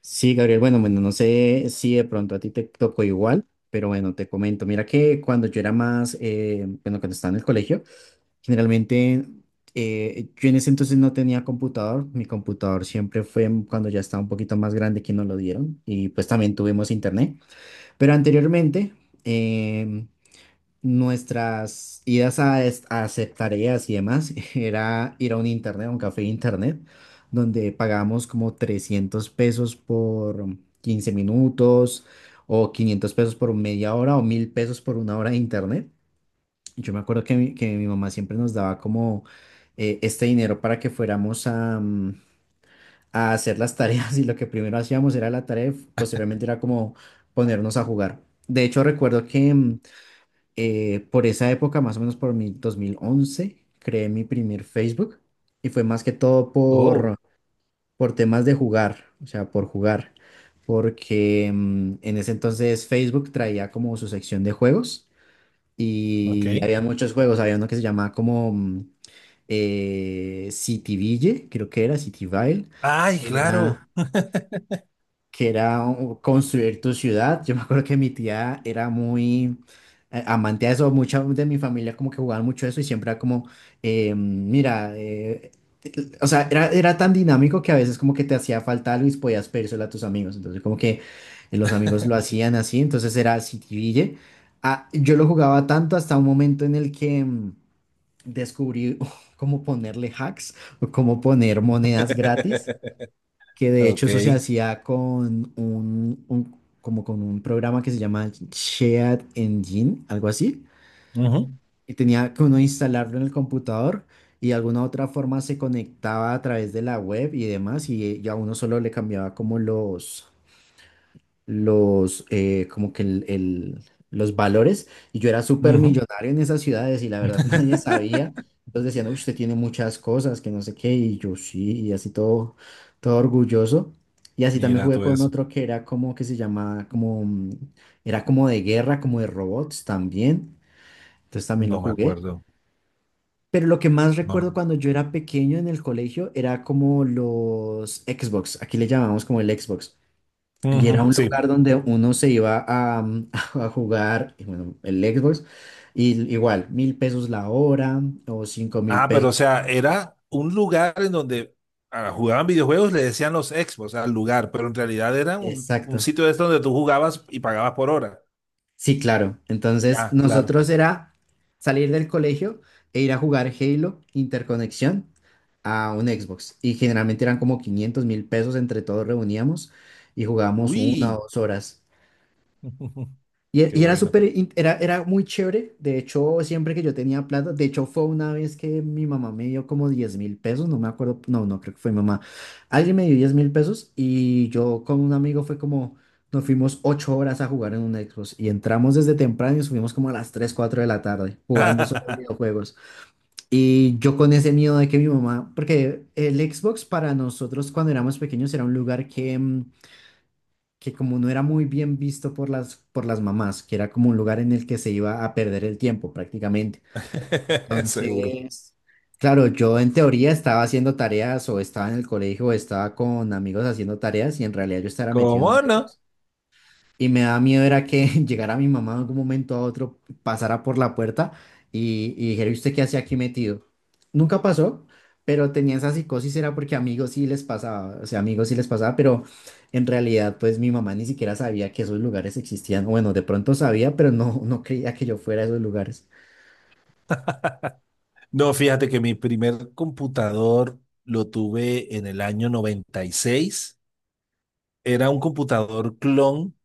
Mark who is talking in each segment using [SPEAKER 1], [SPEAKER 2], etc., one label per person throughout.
[SPEAKER 1] Sí, Gabriel, bueno, bueno, no sé si de pronto a ti te tocó igual, pero bueno, te comento, mira que cuando yo era más, bueno, cuando estaba en el colegio, generalmente, yo en ese entonces no tenía computador. Mi computador siempre fue cuando ya estaba un poquito más grande, que nos lo dieron, y pues también tuvimos internet. Pero anteriormente, em, nuestras idas a hacer tareas y demás era ir a un internet, a un café de internet, donde pagábamos como 300 pesos por 15 minutos, o 500 pesos por media hora, o 1000 pesos por una hora de internet. Yo me acuerdo que que mi mamá siempre nos daba como, este dinero para que fuéramos a hacer las tareas, y lo que primero hacíamos era la tarea, y posteriormente era como ponernos a jugar. De hecho, recuerdo que, por esa época, más o menos por mi 2011, creé mi primer Facebook. Y fue más que todo por,
[SPEAKER 2] Oh,
[SPEAKER 1] por temas de jugar, o sea, por jugar, porque en ese entonces Facebook traía como su sección de juegos.
[SPEAKER 2] ok.
[SPEAKER 1] Y había muchos juegos, había uno que se llamaba como, Cityville, creo que era Cityville,
[SPEAKER 2] Ay,
[SPEAKER 1] que
[SPEAKER 2] claro.
[SPEAKER 1] era que era construir tu ciudad. Yo me acuerdo que mi tía era muy amante de eso. Mucha de mi familia como que jugaban mucho eso, y siempre era como, mira, te- o sea, era tan dinámico que a veces como que te hacía falta algo, y podías pedírselo a tus amigos. Entonces como que, los amigos lo hacían así. Entonces era Citiville. Ah, yo lo jugaba tanto hasta un momento en el que descubrí cómo ponerle hacks o cómo poner monedas gratis, que de hecho
[SPEAKER 2] Ok.
[SPEAKER 1] eso se hacía con un- como con un programa que se llama Shared Engine, algo así.
[SPEAKER 2] Ujú,
[SPEAKER 1] Y tenía que uno instalarlo en el computador, y de alguna otra forma se conectaba a través de la web y demás, y a uno solo le cambiaba como los, como que el- los valores, y yo era súper
[SPEAKER 2] ujú.
[SPEAKER 1] millonario en esas ciudades, y la verdad nadie sabía. Entonces decían: "Uy, usted tiene muchas cosas, que no sé qué", y yo sí, y así todo, todo orgulloso. Y así también
[SPEAKER 2] Mira
[SPEAKER 1] jugué
[SPEAKER 2] todo
[SPEAKER 1] con
[SPEAKER 2] eso.
[SPEAKER 1] otro que era como que se llamaba, era como de guerra, como de robots también. Entonces también lo
[SPEAKER 2] No me
[SPEAKER 1] jugué.
[SPEAKER 2] acuerdo.
[SPEAKER 1] Pero lo que más
[SPEAKER 2] No, no.
[SPEAKER 1] recuerdo cuando yo era pequeño en el colegio era como los Xbox. Aquí le llamamos como el Xbox. Y
[SPEAKER 2] Ujú,
[SPEAKER 1] era un
[SPEAKER 2] sí.
[SPEAKER 1] lugar donde uno se iba a, a jugar. Y bueno, el Xbox. Y igual, 1000 pesos la hora, o cinco mil
[SPEAKER 2] Ah, pero o
[SPEAKER 1] pesos.
[SPEAKER 2] sea, era un lugar en donde jugaban videojuegos. Le decían los expos al lugar, pero en realidad era un
[SPEAKER 1] Exacto.
[SPEAKER 2] sitio de estos donde tú jugabas y pagabas por hora.
[SPEAKER 1] Sí, claro. Entonces,
[SPEAKER 2] Ya, claro.
[SPEAKER 1] nosotros era salir del colegio e ir a jugar Halo Interconexión a un Xbox. Y generalmente eran como 500.000 pesos, entre todos reuníamos, y jugábamos una o
[SPEAKER 2] Uy.
[SPEAKER 1] dos horas. Y, e-
[SPEAKER 2] Qué
[SPEAKER 1] y era
[SPEAKER 2] bueno.
[SPEAKER 1] súper, era muy chévere. De hecho, siempre que yo tenía plata, de hecho fue una vez que mi mamá me dio como 10.000 pesos, no me acuerdo, no, no creo que fue mi mamá. Alguien me dio 10.000 pesos, y yo con un amigo fue como, nos fuimos 8 horas a jugar en un Xbox, y entramos desde temprano y subimos como a las tres, 4 de la tarde, jugando solo videojuegos. Y yo con ese miedo de que mi mamá, porque el Xbox para nosotros cuando éramos pequeños era un lugar que, que como no era muy bien visto por las mamás, que era como un lugar en el que se iba a perder el tiempo prácticamente.
[SPEAKER 2] Seguro.
[SPEAKER 1] Entonces, claro, yo en teoría estaba haciendo tareas, o estaba en el colegio, o estaba con amigos haciendo tareas, y en realidad yo estaba metido en un
[SPEAKER 2] ¿Cómo no?
[SPEAKER 1] negocio. Y me daba miedo era que llegara mi mamá en algún momento a otro, pasara por la puerta y dijera: "¿Y usted qué hacía aquí metido?". Nunca pasó, pero tenía esa psicosis, era porque amigos sí les pasaba, o sea, amigos sí les pasaba, pero en realidad pues mi mamá ni siquiera sabía que esos lugares existían. Bueno, de pronto sabía, pero no, no creía que yo fuera a esos lugares.
[SPEAKER 2] No, fíjate que mi primer computador lo tuve en el año 96. Era un computador clon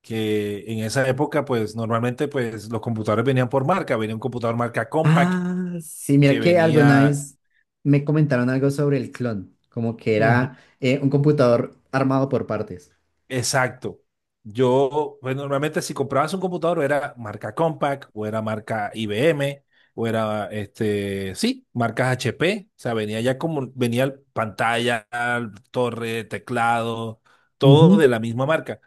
[SPEAKER 2] que en esa época, pues normalmente pues, los computadores venían por marca. Venía un computador marca Compaq
[SPEAKER 1] Ah, sí, mira
[SPEAKER 2] que
[SPEAKER 1] que alguna
[SPEAKER 2] venía,
[SPEAKER 1] vez me comentaron algo sobre el clon, como que
[SPEAKER 2] ujú,
[SPEAKER 1] era, un computador armado por partes.
[SPEAKER 2] exacto. Yo, pues normalmente si comprabas un computador era marca Compaq o era marca IBM o era, este, sí, marcas HP. O sea, venía ya como, venía pantalla, torre, teclado, todo
[SPEAKER 1] Ujú.
[SPEAKER 2] de la misma marca.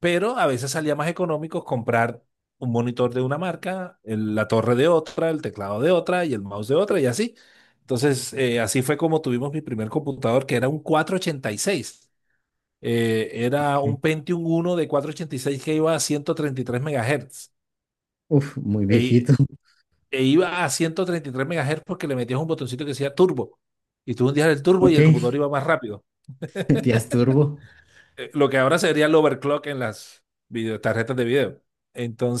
[SPEAKER 2] Pero a veces salía más económico comprar un monitor de una marca, la torre de otra, el teclado de otra y el mouse de otra, y así. Entonces, así fue como tuvimos mi primer computador que era un 486, era
[SPEAKER 1] Ok.
[SPEAKER 2] un Pentium 1 de 486 que iba a 133 MHz.
[SPEAKER 1] Uf, muy
[SPEAKER 2] E, i-
[SPEAKER 1] viejito.
[SPEAKER 2] e iba a 133 MHz porque le metías un botoncito que decía turbo. Y tú hundías el turbo y
[SPEAKER 1] Ok.
[SPEAKER 2] el computador iba más rápido.
[SPEAKER 1] Tías Turbo.
[SPEAKER 2] Lo que ahora sería el overclock en las tarjetas de video.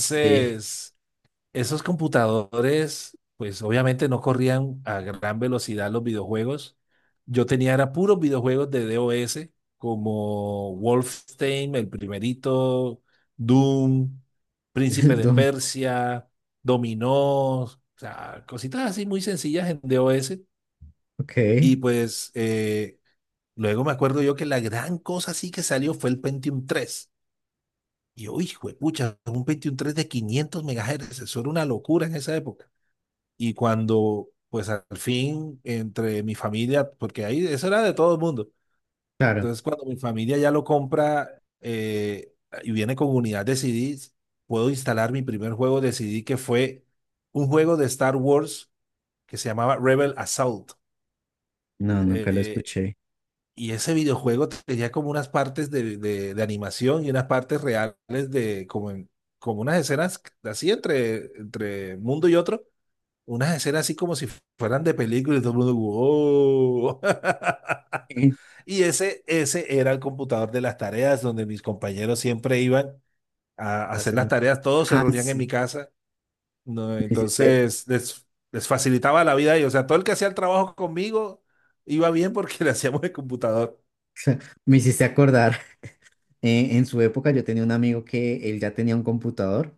[SPEAKER 1] Sí,
[SPEAKER 2] esos computadores, pues obviamente no corrían a gran velocidad los videojuegos. Yo tenía era puros videojuegos de DOS, como Wolfenstein, el primerito, Doom, Príncipe
[SPEAKER 1] el
[SPEAKER 2] de
[SPEAKER 1] Doom.
[SPEAKER 2] Persia, Dominó, o sea, cositas así muy sencillas en DOS.
[SPEAKER 1] Ok,
[SPEAKER 2] Y pues luego me acuerdo yo que la gran cosa sí que salió fue el Pentium 3. Y yo, hijo de pucha, un Pentium 3 de 500 MHz, eso era una locura en esa época. Y cuando, pues al fin, entre mi familia, porque ahí eso era de todo el mundo.
[SPEAKER 1] claro.
[SPEAKER 2] Entonces, cuando mi familia ya lo compra y viene con unidad de CDs, puedo instalar mi primer juego de CD que fue un juego de Star Wars que se llamaba Rebel Assault.
[SPEAKER 1] No, nunca lo
[SPEAKER 2] Eh,
[SPEAKER 1] escuché.
[SPEAKER 2] y ese videojuego tenía como unas partes de animación y unas partes reales de como unas escenas así entre mundo y otro. Unas escenas así como si fueran de película, y todo el mundo, wow.
[SPEAKER 1] Eh,
[SPEAKER 2] Y ese era el computador de las tareas donde mis compañeros siempre iban a hacer las
[SPEAKER 1] Hacerlo.
[SPEAKER 2] tareas, todos se
[SPEAKER 1] Ay,
[SPEAKER 2] reunían en mi
[SPEAKER 1] sí.
[SPEAKER 2] casa, ¿no?
[SPEAKER 1] Me hiciste,
[SPEAKER 2] Entonces les facilitaba la vida y, o sea, todo el que hacía el trabajo conmigo iba bien porque le hacíamos el computador.
[SPEAKER 1] me hiciste acordar. En su época yo tenía un amigo que él ya tenía un computador,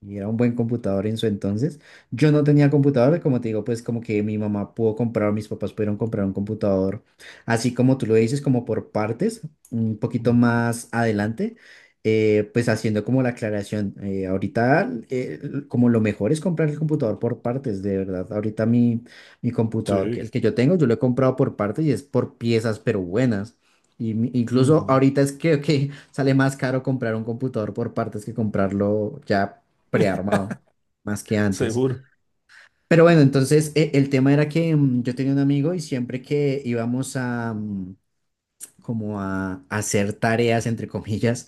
[SPEAKER 1] y era un buen computador en su entonces. Yo no tenía computador, como te digo, pues como que mi mamá pudo comprar, mis papás pudieron comprar un computador, así como tú lo dices, como por partes, un poquito
[SPEAKER 2] Mm.
[SPEAKER 1] más adelante. Pues haciendo como la aclaración: ahorita, como lo mejor es comprar el computador por partes, de verdad. Ahorita mi computador, que
[SPEAKER 2] Sí.
[SPEAKER 1] el que yo tengo, yo lo he comprado por partes y es por piezas, pero buenas. Y incluso
[SPEAKER 2] Ujú.
[SPEAKER 1] ahorita es que sale más caro comprar un computador por partes, que comprarlo ya prearmado, más que antes.
[SPEAKER 2] Seguro.
[SPEAKER 1] Pero bueno, entonces el tema era que, yo tenía un amigo, y siempre que íbamos a, como a hacer tareas, entre comillas,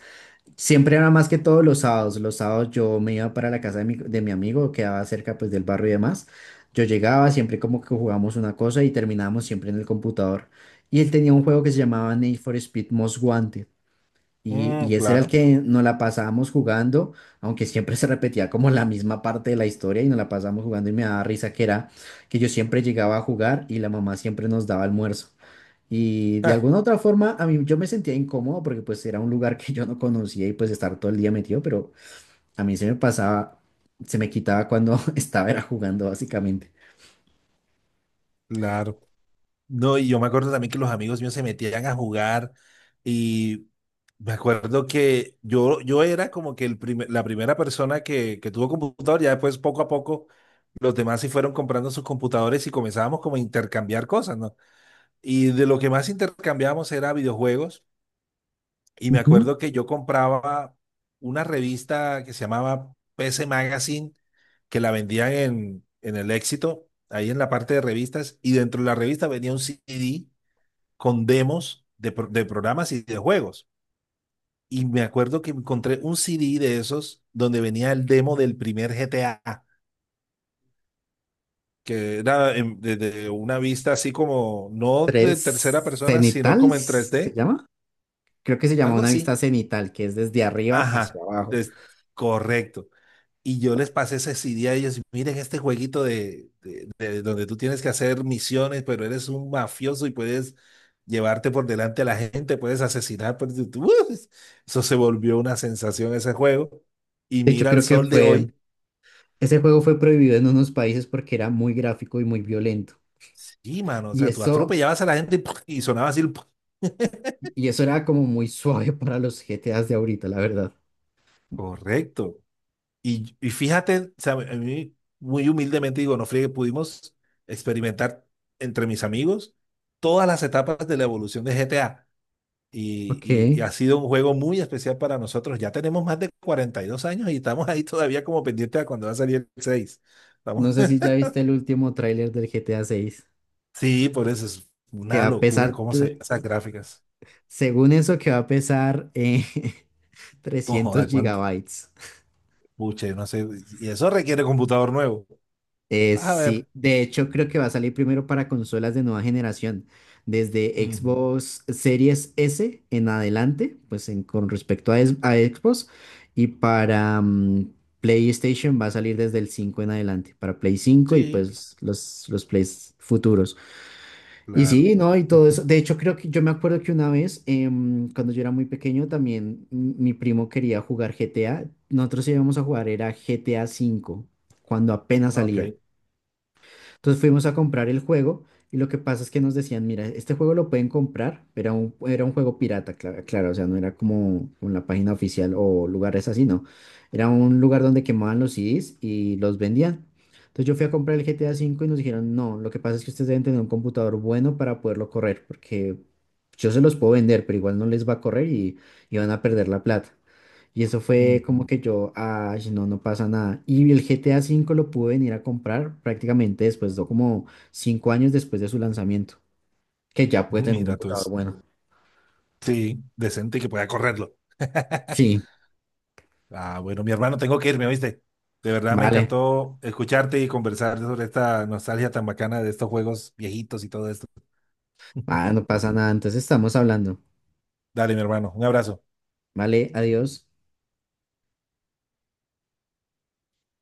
[SPEAKER 1] siempre era más que todos los sábados. Los sábados yo me iba para la casa de mi amigo, quedaba cerca pues del barrio y demás. Yo llegaba, siempre como que jugábamos una cosa, y terminábamos siempre en el computador. Y él tenía un juego que se llamaba Need for Speed Most Wanted. Y,
[SPEAKER 2] Mm,
[SPEAKER 1] y ese era el
[SPEAKER 2] claro.
[SPEAKER 1] que nos la pasábamos jugando, aunque siempre se repetía como la misma parte de la historia, y nos la pasábamos jugando. Y me daba risa que era que yo siempre llegaba a jugar, y la mamá siempre nos daba almuerzo. Y de alguna otra forma a mí yo me sentía incómodo, porque pues era un lugar que yo no conocía, y pues estar todo el día metido, pero a mí se me pasaba, se me quitaba cuando estaba era jugando básicamente.
[SPEAKER 2] Claro. No, y yo me acuerdo también que los amigos míos se metían a jugar, y me acuerdo que yo era como que la primera persona que tuvo computador. Ya después, poco a poco, los demás sí fueron comprando sus computadores y comenzábamos como a intercambiar cosas, ¿no? Y de lo que más intercambiábamos era videojuegos, y me
[SPEAKER 1] Ujú.
[SPEAKER 2] acuerdo que yo compraba una revista que se llamaba PC Magazine, que la vendían en, El Éxito, ahí en la parte de revistas, y dentro de la revista venía un CD con demos de programas y de juegos. Y me acuerdo que encontré un CD de esos donde venía el demo del primer GTA, que era desde una vista así como, no de
[SPEAKER 1] Tres
[SPEAKER 2] tercera persona, sino
[SPEAKER 1] cenital
[SPEAKER 2] como en tres
[SPEAKER 1] se
[SPEAKER 2] d
[SPEAKER 1] llama. Creo que se llama
[SPEAKER 2] algo
[SPEAKER 1] una
[SPEAKER 2] así.
[SPEAKER 1] vista cenital, que es desde arriba hacia
[SPEAKER 2] Ajá,
[SPEAKER 1] abajo.
[SPEAKER 2] des- correcto. Y yo les pasé ese CD a ellos: miren este jueguito de donde tú tienes que hacer misiones, pero eres un mafioso y puedes llevarte por delante a la gente, puedes asesinar. Por... ¡Uf! Eso se volvió una sensación ese juego. Y
[SPEAKER 1] De hecho,
[SPEAKER 2] mira el
[SPEAKER 1] creo que
[SPEAKER 2] sol de
[SPEAKER 1] fue.
[SPEAKER 2] hoy.
[SPEAKER 1] Ese juego fue prohibido en unos países porque era muy gráfico y muy violento.
[SPEAKER 2] Sí, mano, o
[SPEAKER 1] Y
[SPEAKER 2] sea, tú
[SPEAKER 1] eso,
[SPEAKER 2] atropellabas a la gente y ¡puf!, y sonaba así ¡puf!
[SPEAKER 1] y eso era como muy suave para los GTAs de ahorita, la verdad.
[SPEAKER 2] Correcto. Y, fíjate, o sea, a mí, muy humildemente digo, no friegue, pudimos experimentar entre mis amigos todas las etapas de la evolución de GTA. Y,
[SPEAKER 1] Ok.
[SPEAKER 2] y- y ha sido un juego muy especial para nosotros. Ya tenemos más de 42 años y estamos ahí todavía como pendientes a cuando va a salir el seis. Estamos-
[SPEAKER 1] No sé si ya viste el último tráiler del GTA seis,
[SPEAKER 2] Sí, por eso es
[SPEAKER 1] que
[SPEAKER 2] una
[SPEAKER 1] va a
[SPEAKER 2] locura
[SPEAKER 1] pesar,
[SPEAKER 2] cómo se ven esas gráficas.
[SPEAKER 1] según eso, que va a pesar,
[SPEAKER 2] No
[SPEAKER 1] 300
[SPEAKER 2] joda, cuánto.
[SPEAKER 1] gigabytes.
[SPEAKER 2] Pucha, no sé. Y eso requiere computador nuevo. A
[SPEAKER 1] Sí,
[SPEAKER 2] ver.
[SPEAKER 1] de hecho creo que va a salir primero para consolas de nueva generación, desde
[SPEAKER 2] Ujú.
[SPEAKER 1] Xbox Series S en adelante, pues con respecto a Xbox. Y para PlayStation va a salir desde el 5 en adelante, para Play cinco, y
[SPEAKER 2] Sí,
[SPEAKER 1] pues los Plays futuros. Y
[SPEAKER 2] claro.
[SPEAKER 1] sí, ¿no? Y todo
[SPEAKER 2] Ujú.
[SPEAKER 1] eso. De hecho creo que yo me acuerdo que una vez, cuando yo era muy pequeño, también, mi primo quería jugar GTA, nosotros íbamos a jugar, era GTA cinco, cuando apenas
[SPEAKER 2] Ok.
[SPEAKER 1] salía. Entonces fuimos a comprar el juego, y lo que pasa es que nos decían, mira, este juego lo pueden comprar, pero era un juego pirata, claro, o sea, no era como en la página oficial o lugares así, no. Era un lugar donde quemaban los CDs y los vendían. Entonces yo fui a comprar el GTA cinco, y nos dijeron: no, lo que pasa es que ustedes deben tener un computador bueno para poderlo correr, porque yo se los puedo vender, pero igual no les va a correr, y van a perder la plata. Y eso fue
[SPEAKER 2] Ujú.
[SPEAKER 1] como que yo, ay, no, no pasa nada. Y el GTA V lo pude venir a comprar prácticamente después, de como 5 años después de su lanzamiento, que ya puede tener un
[SPEAKER 2] Mira tú
[SPEAKER 1] computador
[SPEAKER 2] eso.
[SPEAKER 1] bueno.
[SPEAKER 2] Sí, decente y que pueda correrlo.
[SPEAKER 1] Sí,
[SPEAKER 2] Ah, bueno, mi hermano, tengo que irme, ¿oíste? De verdad me
[SPEAKER 1] vale,
[SPEAKER 2] encantó escucharte y conversar sobre esta nostalgia tan bacana de estos juegos viejitos y todo esto.
[SPEAKER 1] ah, no pasa nada. Entonces estamos hablando.
[SPEAKER 2] Dale, mi hermano, un abrazo.
[SPEAKER 1] Vale, adiós.